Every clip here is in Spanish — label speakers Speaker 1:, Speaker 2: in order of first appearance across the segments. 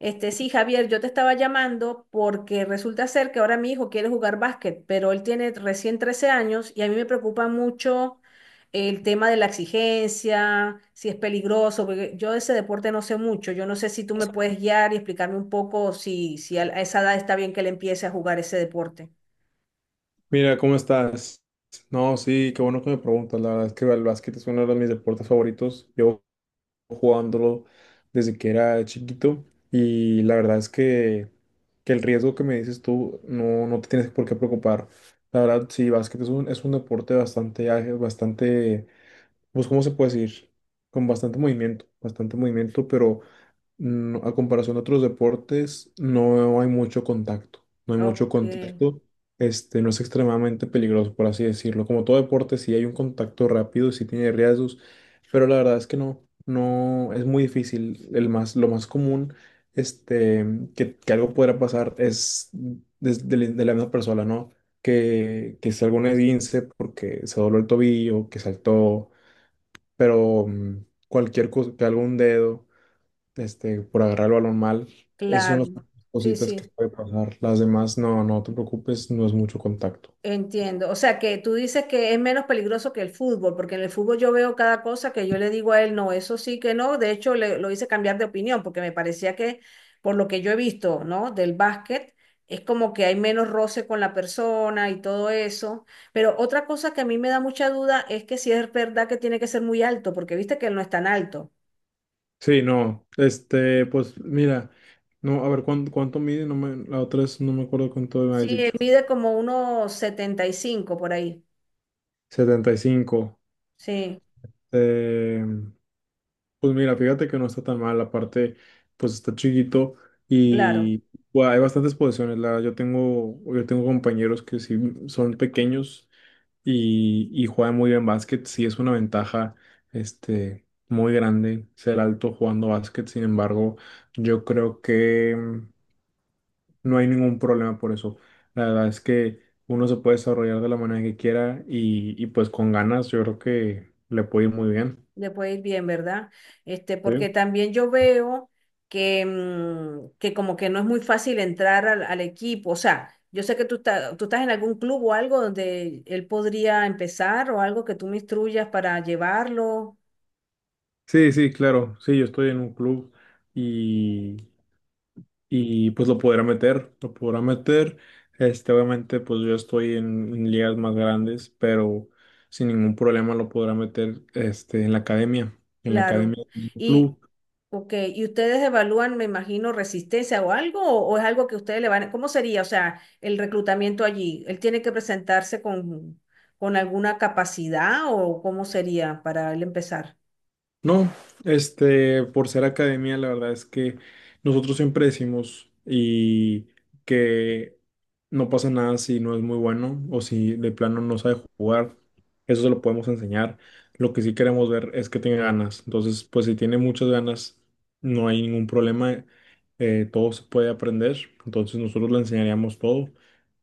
Speaker 1: Sí, Javier, yo te estaba llamando porque resulta ser que ahora mi hijo quiere jugar básquet, pero él tiene recién 13 años y a mí me preocupa mucho el tema de la exigencia, si es peligroso, porque yo de ese deporte no sé mucho. Yo no sé si tú me puedes guiar y explicarme un poco si a esa edad está bien que él empiece a jugar ese deporte.
Speaker 2: Mira, ¿cómo estás? No, sí, qué bueno que me preguntas. La verdad es que el básquet es uno de mis deportes favoritos. Yo jugándolo desde que era chiquito y la verdad es que el riesgo que me dices tú no, no te tienes por qué preocupar. La verdad, sí, básquet es un deporte bastante ágil, bastante, pues, ¿cómo se puede decir? Con bastante movimiento, pero a comparación de otros deportes, no hay mucho contacto. No hay mucho
Speaker 1: Ok,
Speaker 2: contacto. No es extremadamente peligroso, por así decirlo. Como todo deporte, si hay un contacto rápido, si tiene riesgos, pero la verdad es que no, no, es muy difícil. El más, lo más común, este, que algo podrá pasar es de la misma persona, ¿no? Que salga un esguince porque se dobló el tobillo, que saltó, pero cualquier cosa, que algún dedo por agarrar el balón mal. Esas son
Speaker 1: claro.
Speaker 2: las
Speaker 1: Sí,
Speaker 2: cositas que
Speaker 1: sí.
Speaker 2: puede pasar. Las demás, no, no te preocupes, no es mucho contacto.
Speaker 1: Entiendo. O sea, que tú dices que es menos peligroso que el fútbol, porque en el fútbol yo veo cada cosa que yo le digo a él, no, eso sí que no. De hecho, lo hice cambiar de opinión, porque me parecía que, por lo que yo he visto, ¿no? Del básquet, es como que hay menos roce con la persona y todo eso. Pero otra cosa que a mí me da mucha duda es que si es verdad que tiene que ser muy alto, porque viste que él no es tan alto.
Speaker 2: Sí, no, pues mira, no, a ver, ¿cuánto mide? No me, la otra vez no me acuerdo cuánto me habías
Speaker 1: Sí, él
Speaker 2: dicho.
Speaker 1: mide como unos 75 por ahí.
Speaker 2: 75.
Speaker 1: Sí,
Speaker 2: Eh, pues mira, fíjate que no está tan mal, aparte, pues está chiquito
Speaker 1: claro.
Speaker 2: y bueno, hay bastantes posiciones. La, yo tengo compañeros que sí son pequeños y juega muy bien básquet, sí es una ventaja muy grande ser alto jugando básquet, sin embargo, yo creo que no hay ningún problema por eso. La verdad es que uno se puede desarrollar de la manera que quiera y pues con ganas yo creo que le puede ir muy bien.
Speaker 1: Le puede ir bien, ¿verdad?
Speaker 2: ¿Sí?
Speaker 1: Porque también yo veo que, que como que no es muy fácil entrar al equipo. O sea, yo sé que tú estás en algún club o algo donde él podría empezar o algo que tú me instruyas para llevarlo.
Speaker 2: Sí, sí, claro. Sí, yo estoy en un club y y pues lo podrá meter, lo podrá meter. Obviamente, pues yo estoy en ligas más grandes, pero sin ningún problema lo podrá meter en la
Speaker 1: Claro.
Speaker 2: academia del
Speaker 1: Y,
Speaker 2: club.
Speaker 1: ok, ¿y ustedes evalúan, me imagino, resistencia o algo? O es algo que ustedes le van a... ¿Cómo sería? O sea, el reclutamiento allí. ¿Él tiene que presentarse con alguna capacidad o cómo sería para él empezar?
Speaker 2: No, por ser academia, la verdad es que nosotros siempre decimos y que no pasa nada si no es muy bueno o si de plano no sabe jugar. Eso se lo podemos enseñar. Lo que sí queremos ver es que tenga ganas. Entonces, pues si tiene muchas ganas, no hay ningún problema. Todo se puede aprender. Entonces, nosotros le enseñaríamos todo.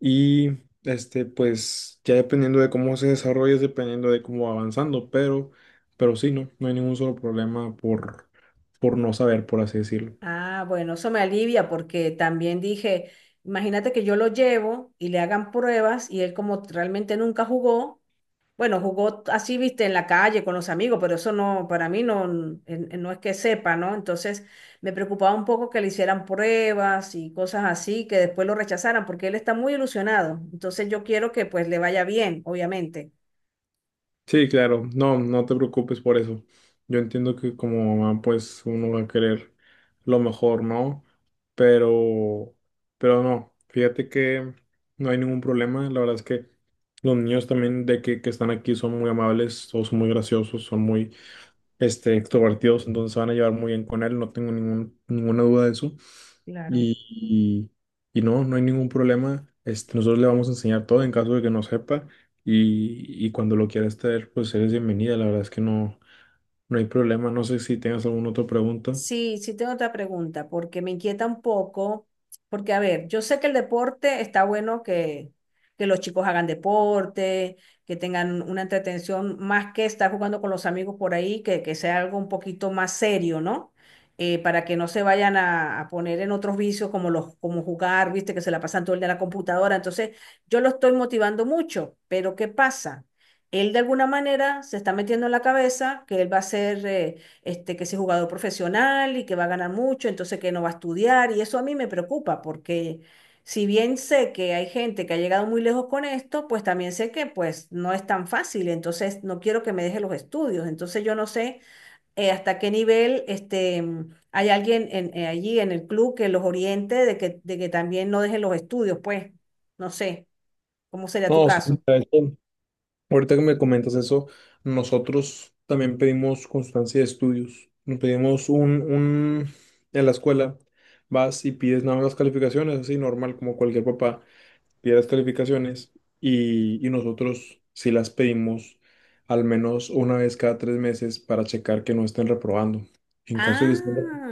Speaker 2: Y pues ya dependiendo de cómo se desarrolle, es dependiendo de cómo va avanzando, pero sí, no, no hay ningún solo problema por no saber, por así decirlo.
Speaker 1: Ah, bueno, eso me alivia porque también dije, imagínate que yo lo llevo y le hagan pruebas y él como realmente nunca jugó, bueno, jugó así, viste, en la calle con los amigos, pero eso no, para mí no, no es que sepa, ¿no? Entonces me preocupaba un poco que le hicieran pruebas y cosas así, que después lo rechazaran porque él está muy ilusionado. Entonces yo quiero que pues le vaya bien, obviamente.
Speaker 2: Sí, claro, no, no te preocupes por eso. Yo entiendo que como mamá, pues uno va a querer lo mejor, ¿no? Pero, pero no, fíjate que no hay ningún problema. La verdad es que los niños también de que están aquí son muy amables, todos son muy graciosos, son muy extrovertidos, entonces se van a llevar muy bien con él, no tengo ningún, ninguna duda de eso.
Speaker 1: Claro.
Speaker 2: Y, y no, no hay ningún problema. Nosotros le vamos a enseñar todo en caso de que no sepa. Y cuando lo quieras traer, pues eres bienvenida. La verdad es que no, no hay problema. No sé si tengas alguna otra pregunta.
Speaker 1: Sí, sí tengo otra pregunta, porque me inquieta un poco, porque a ver, yo sé que el deporte está bueno que los chicos hagan deporte, que tengan una entretención más que estar jugando con los amigos por ahí, que sea algo un poquito más serio, ¿no? Para que no se vayan a poner en otros vicios como los, como jugar, viste, que se la pasan todo el día en la computadora. Entonces, yo lo estoy motivando mucho, pero ¿qué pasa? Él de alguna manera se está metiendo en la cabeza que él va a ser... que ese jugador profesional y que va a ganar mucho, entonces que no va a estudiar. Y eso a mí me preocupa porque si bien sé que hay gente que ha llegado muy lejos con esto, pues también sé que pues no es tan fácil. Entonces no quiero que me deje los estudios. Entonces yo no sé hasta qué nivel hay alguien allí en el club que los oriente de que también no dejen los estudios. Pues no sé, ¿cómo sería tu
Speaker 2: No, sí,
Speaker 1: caso?
Speaker 2: de hecho, ahorita que me comentas eso, nosotros también pedimos constancia de estudios. Nos pedimos un, en la escuela, vas y pides nada más las calificaciones, así normal, como cualquier papá. Pide las calificaciones y nosotros sí las pedimos al menos una vez cada tres meses para checar que no estén reprobando. En caso de que estén
Speaker 1: Ah,
Speaker 2: reprobando,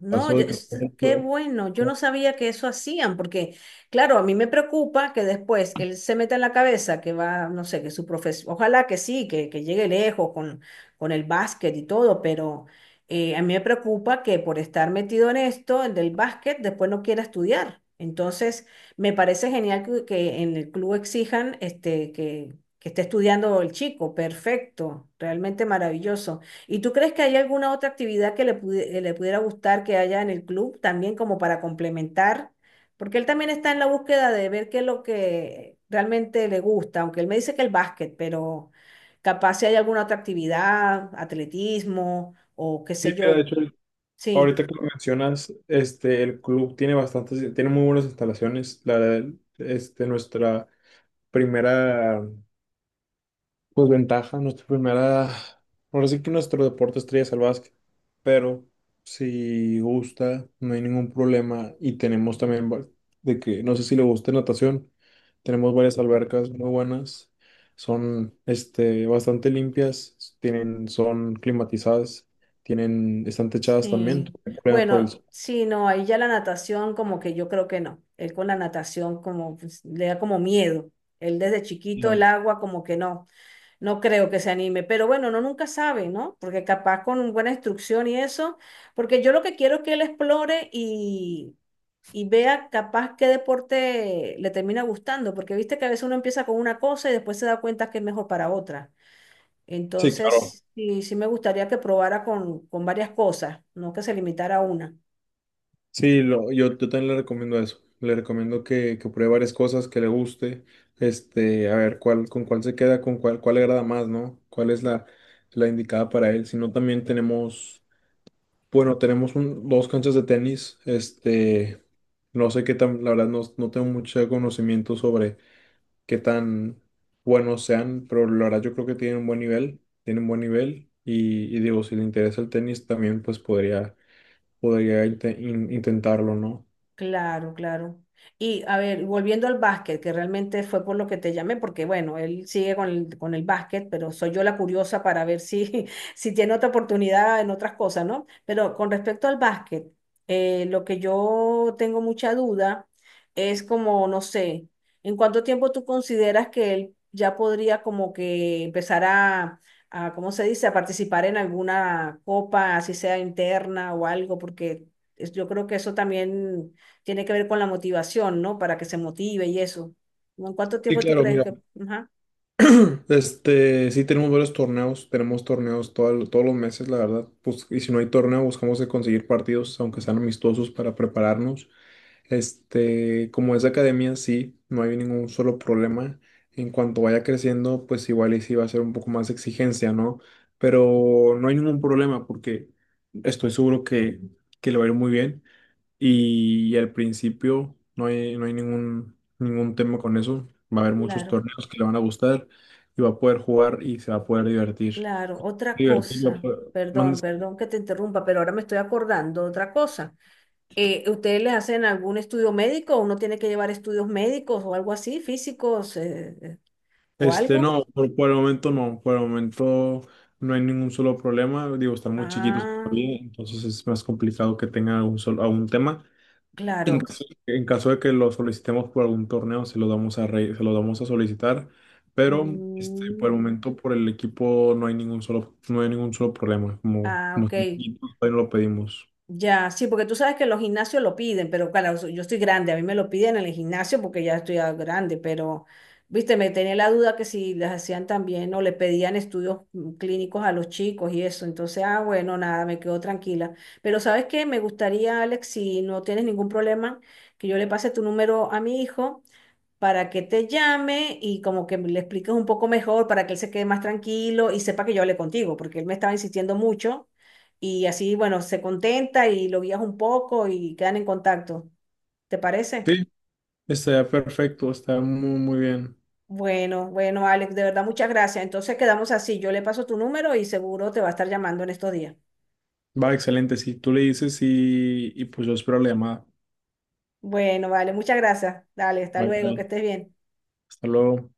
Speaker 1: no,
Speaker 2: pasó de que estén
Speaker 1: qué
Speaker 2: reprobando.
Speaker 1: bueno. Yo no sabía que eso hacían, porque, claro, a mí me preocupa que después él se meta en la cabeza que va, no sé, que su profesión, ojalá que sí, que llegue lejos con el básquet y todo, pero a mí me preocupa que por estar metido en esto, el del básquet, después no quiera estudiar. Entonces, me parece genial que en el club exijan que esté estudiando el chico. Perfecto, realmente maravilloso. ¿Y tú crees que hay alguna otra actividad que le, le pudiera gustar que haya en el club también como para complementar? Porque él también está en la búsqueda de ver qué es lo que realmente le gusta, aunque él me dice que el básquet, pero capaz si hay alguna otra actividad, atletismo o qué
Speaker 2: Sí,
Speaker 1: sé
Speaker 2: mira,
Speaker 1: yo.
Speaker 2: de hecho,
Speaker 1: Sí,
Speaker 2: ahorita que lo mencionas, el club tiene bastantes, tiene muy buenas instalaciones. La, nuestra primera. Pues ventaja, nuestra primera. Ahora sí que nuestro deporte estrella es el básquet, pero si gusta, no hay ningún problema. Y tenemos también de que, no sé si le gusta natación, tenemos varias albercas muy buenas, son bastante limpias, tienen, son climatizadas, tienen, están techadas también, no
Speaker 1: sí.
Speaker 2: hay problema por el
Speaker 1: Bueno,
Speaker 2: sol.
Speaker 1: sí, no, ahí ya la natación como que yo creo que no. Él con la natación como pues, le da como miedo. Él desde chiquito el
Speaker 2: No.
Speaker 1: agua como que no. No creo que se anime, pero bueno, no nunca sabe, ¿no? Porque capaz con buena instrucción y eso, porque yo lo que quiero es que él explore y vea capaz qué deporte le termina gustando, porque viste que a veces uno empieza con una cosa y después se da cuenta que es mejor para otra.
Speaker 2: Sí, claro.
Speaker 1: Entonces, sí, sí me gustaría que probara con varias cosas, no que se limitara a una.
Speaker 2: Sí, lo, yo también le recomiendo eso. Le recomiendo que pruebe varias cosas que le guste. A ver cuál, con cuál se queda, con cuál, cuál le agrada más, ¿no? ¿Cuál es la, la indicada para él? Si no, también tenemos, bueno, tenemos dos canchas de tenis. No sé qué tan, la verdad, no, no tengo mucho conocimiento sobre qué tan buenos sean, pero la verdad yo creo que tienen un buen nivel, tienen buen nivel. Y digo, si le interesa el tenis, también pues podría, podría intentarlo, ¿no?
Speaker 1: Claro, claro. Y a ver, volviendo al básquet, que realmente fue por lo que te llamé, porque bueno, él sigue con el básquet, pero soy yo la curiosa para ver si, si tiene otra oportunidad en otras cosas, ¿no? Pero con respecto al básquet, lo que yo tengo mucha duda es como, no sé, ¿en cuánto tiempo tú consideras que él ya podría como que empezar a, ¿cómo se dice?, a participar en alguna copa, así sea interna o algo, porque yo creo que eso también tiene que ver con la motivación, ¿no? Para que se motive y eso. ¿No? ¿En cuánto
Speaker 2: Sí,
Speaker 1: tiempo tú
Speaker 2: claro,
Speaker 1: crees
Speaker 2: mira,
Speaker 1: que...? Ajá,
Speaker 2: sí tenemos varios torneos, tenemos torneos todos los meses, la verdad, pues, y si no hay torneo, buscamos de conseguir partidos, aunque sean amistosos, para prepararnos. Como es academia, sí, no hay ningún solo problema. En cuanto vaya creciendo, pues igual y sí va a ser un poco más exigencia, ¿no? Pero no hay ningún problema porque estoy seguro que le va a ir muy bien. Y al principio no hay, no hay ningún, ningún tema con eso. Va a haber muchos
Speaker 1: claro,
Speaker 2: torneos que le van a gustar y va a poder jugar y se va a poder divertir.
Speaker 1: claro. Otra
Speaker 2: Divertir, va a
Speaker 1: cosa,
Speaker 2: poder- mande-
Speaker 1: perdón, perdón que te interrumpa, pero ahora me estoy acordando de otra cosa. ¿Ustedes les hacen algún estudio médico? ¿Uno tiene que llevar estudios médicos o algo así, físicos o algo?
Speaker 2: No, por el momento no. Por el momento no hay ningún solo problema. Digo, están muy chiquitos
Speaker 1: Ah,
Speaker 2: todavía, entonces es más complicado que tengan algún solo, algún tema.
Speaker 1: claro.
Speaker 2: En caso de que lo solicitemos por algún torneo, se lo damos a se lo damos a solicitar, pero por el
Speaker 1: Mm,
Speaker 2: momento por el equipo no hay ningún solo, no hay ningún solo problema, como,
Speaker 1: ah,
Speaker 2: como
Speaker 1: ok.
Speaker 2: está chiquito, todavía no lo pedimos.
Speaker 1: Ya, sí, porque tú sabes que los gimnasios lo piden, pero claro, yo estoy grande, a mí me lo piden en el gimnasio porque ya estoy ah, grande, pero, viste, me tenía la duda que si les hacían también o le pedían estudios clínicos a los chicos y eso, entonces, ah, bueno, nada, me quedo tranquila. Pero ¿sabes qué? Me gustaría, Alex, si no tienes ningún problema, que yo le pase tu número a mi hijo para que te llame y como que le expliques un poco mejor para que él se quede más tranquilo y sepa que yo hablé contigo, porque él me estaba insistiendo mucho y así, bueno, se contenta y lo guías un poco y quedan en contacto. ¿Te parece?
Speaker 2: Sí, está perfecto, está muy, muy bien.
Speaker 1: Bueno, bueno, Alex, de verdad muchas gracias. Entonces quedamos así. Yo le paso tu número y seguro te va a estar llamando en estos días.
Speaker 2: Va, excelente, si tú le dices y pues yo espero la llamada.
Speaker 1: Bueno, vale, muchas gracias. Dale, hasta
Speaker 2: Bye,
Speaker 1: luego, que
Speaker 2: bye.
Speaker 1: estés bien.
Speaker 2: Hasta luego.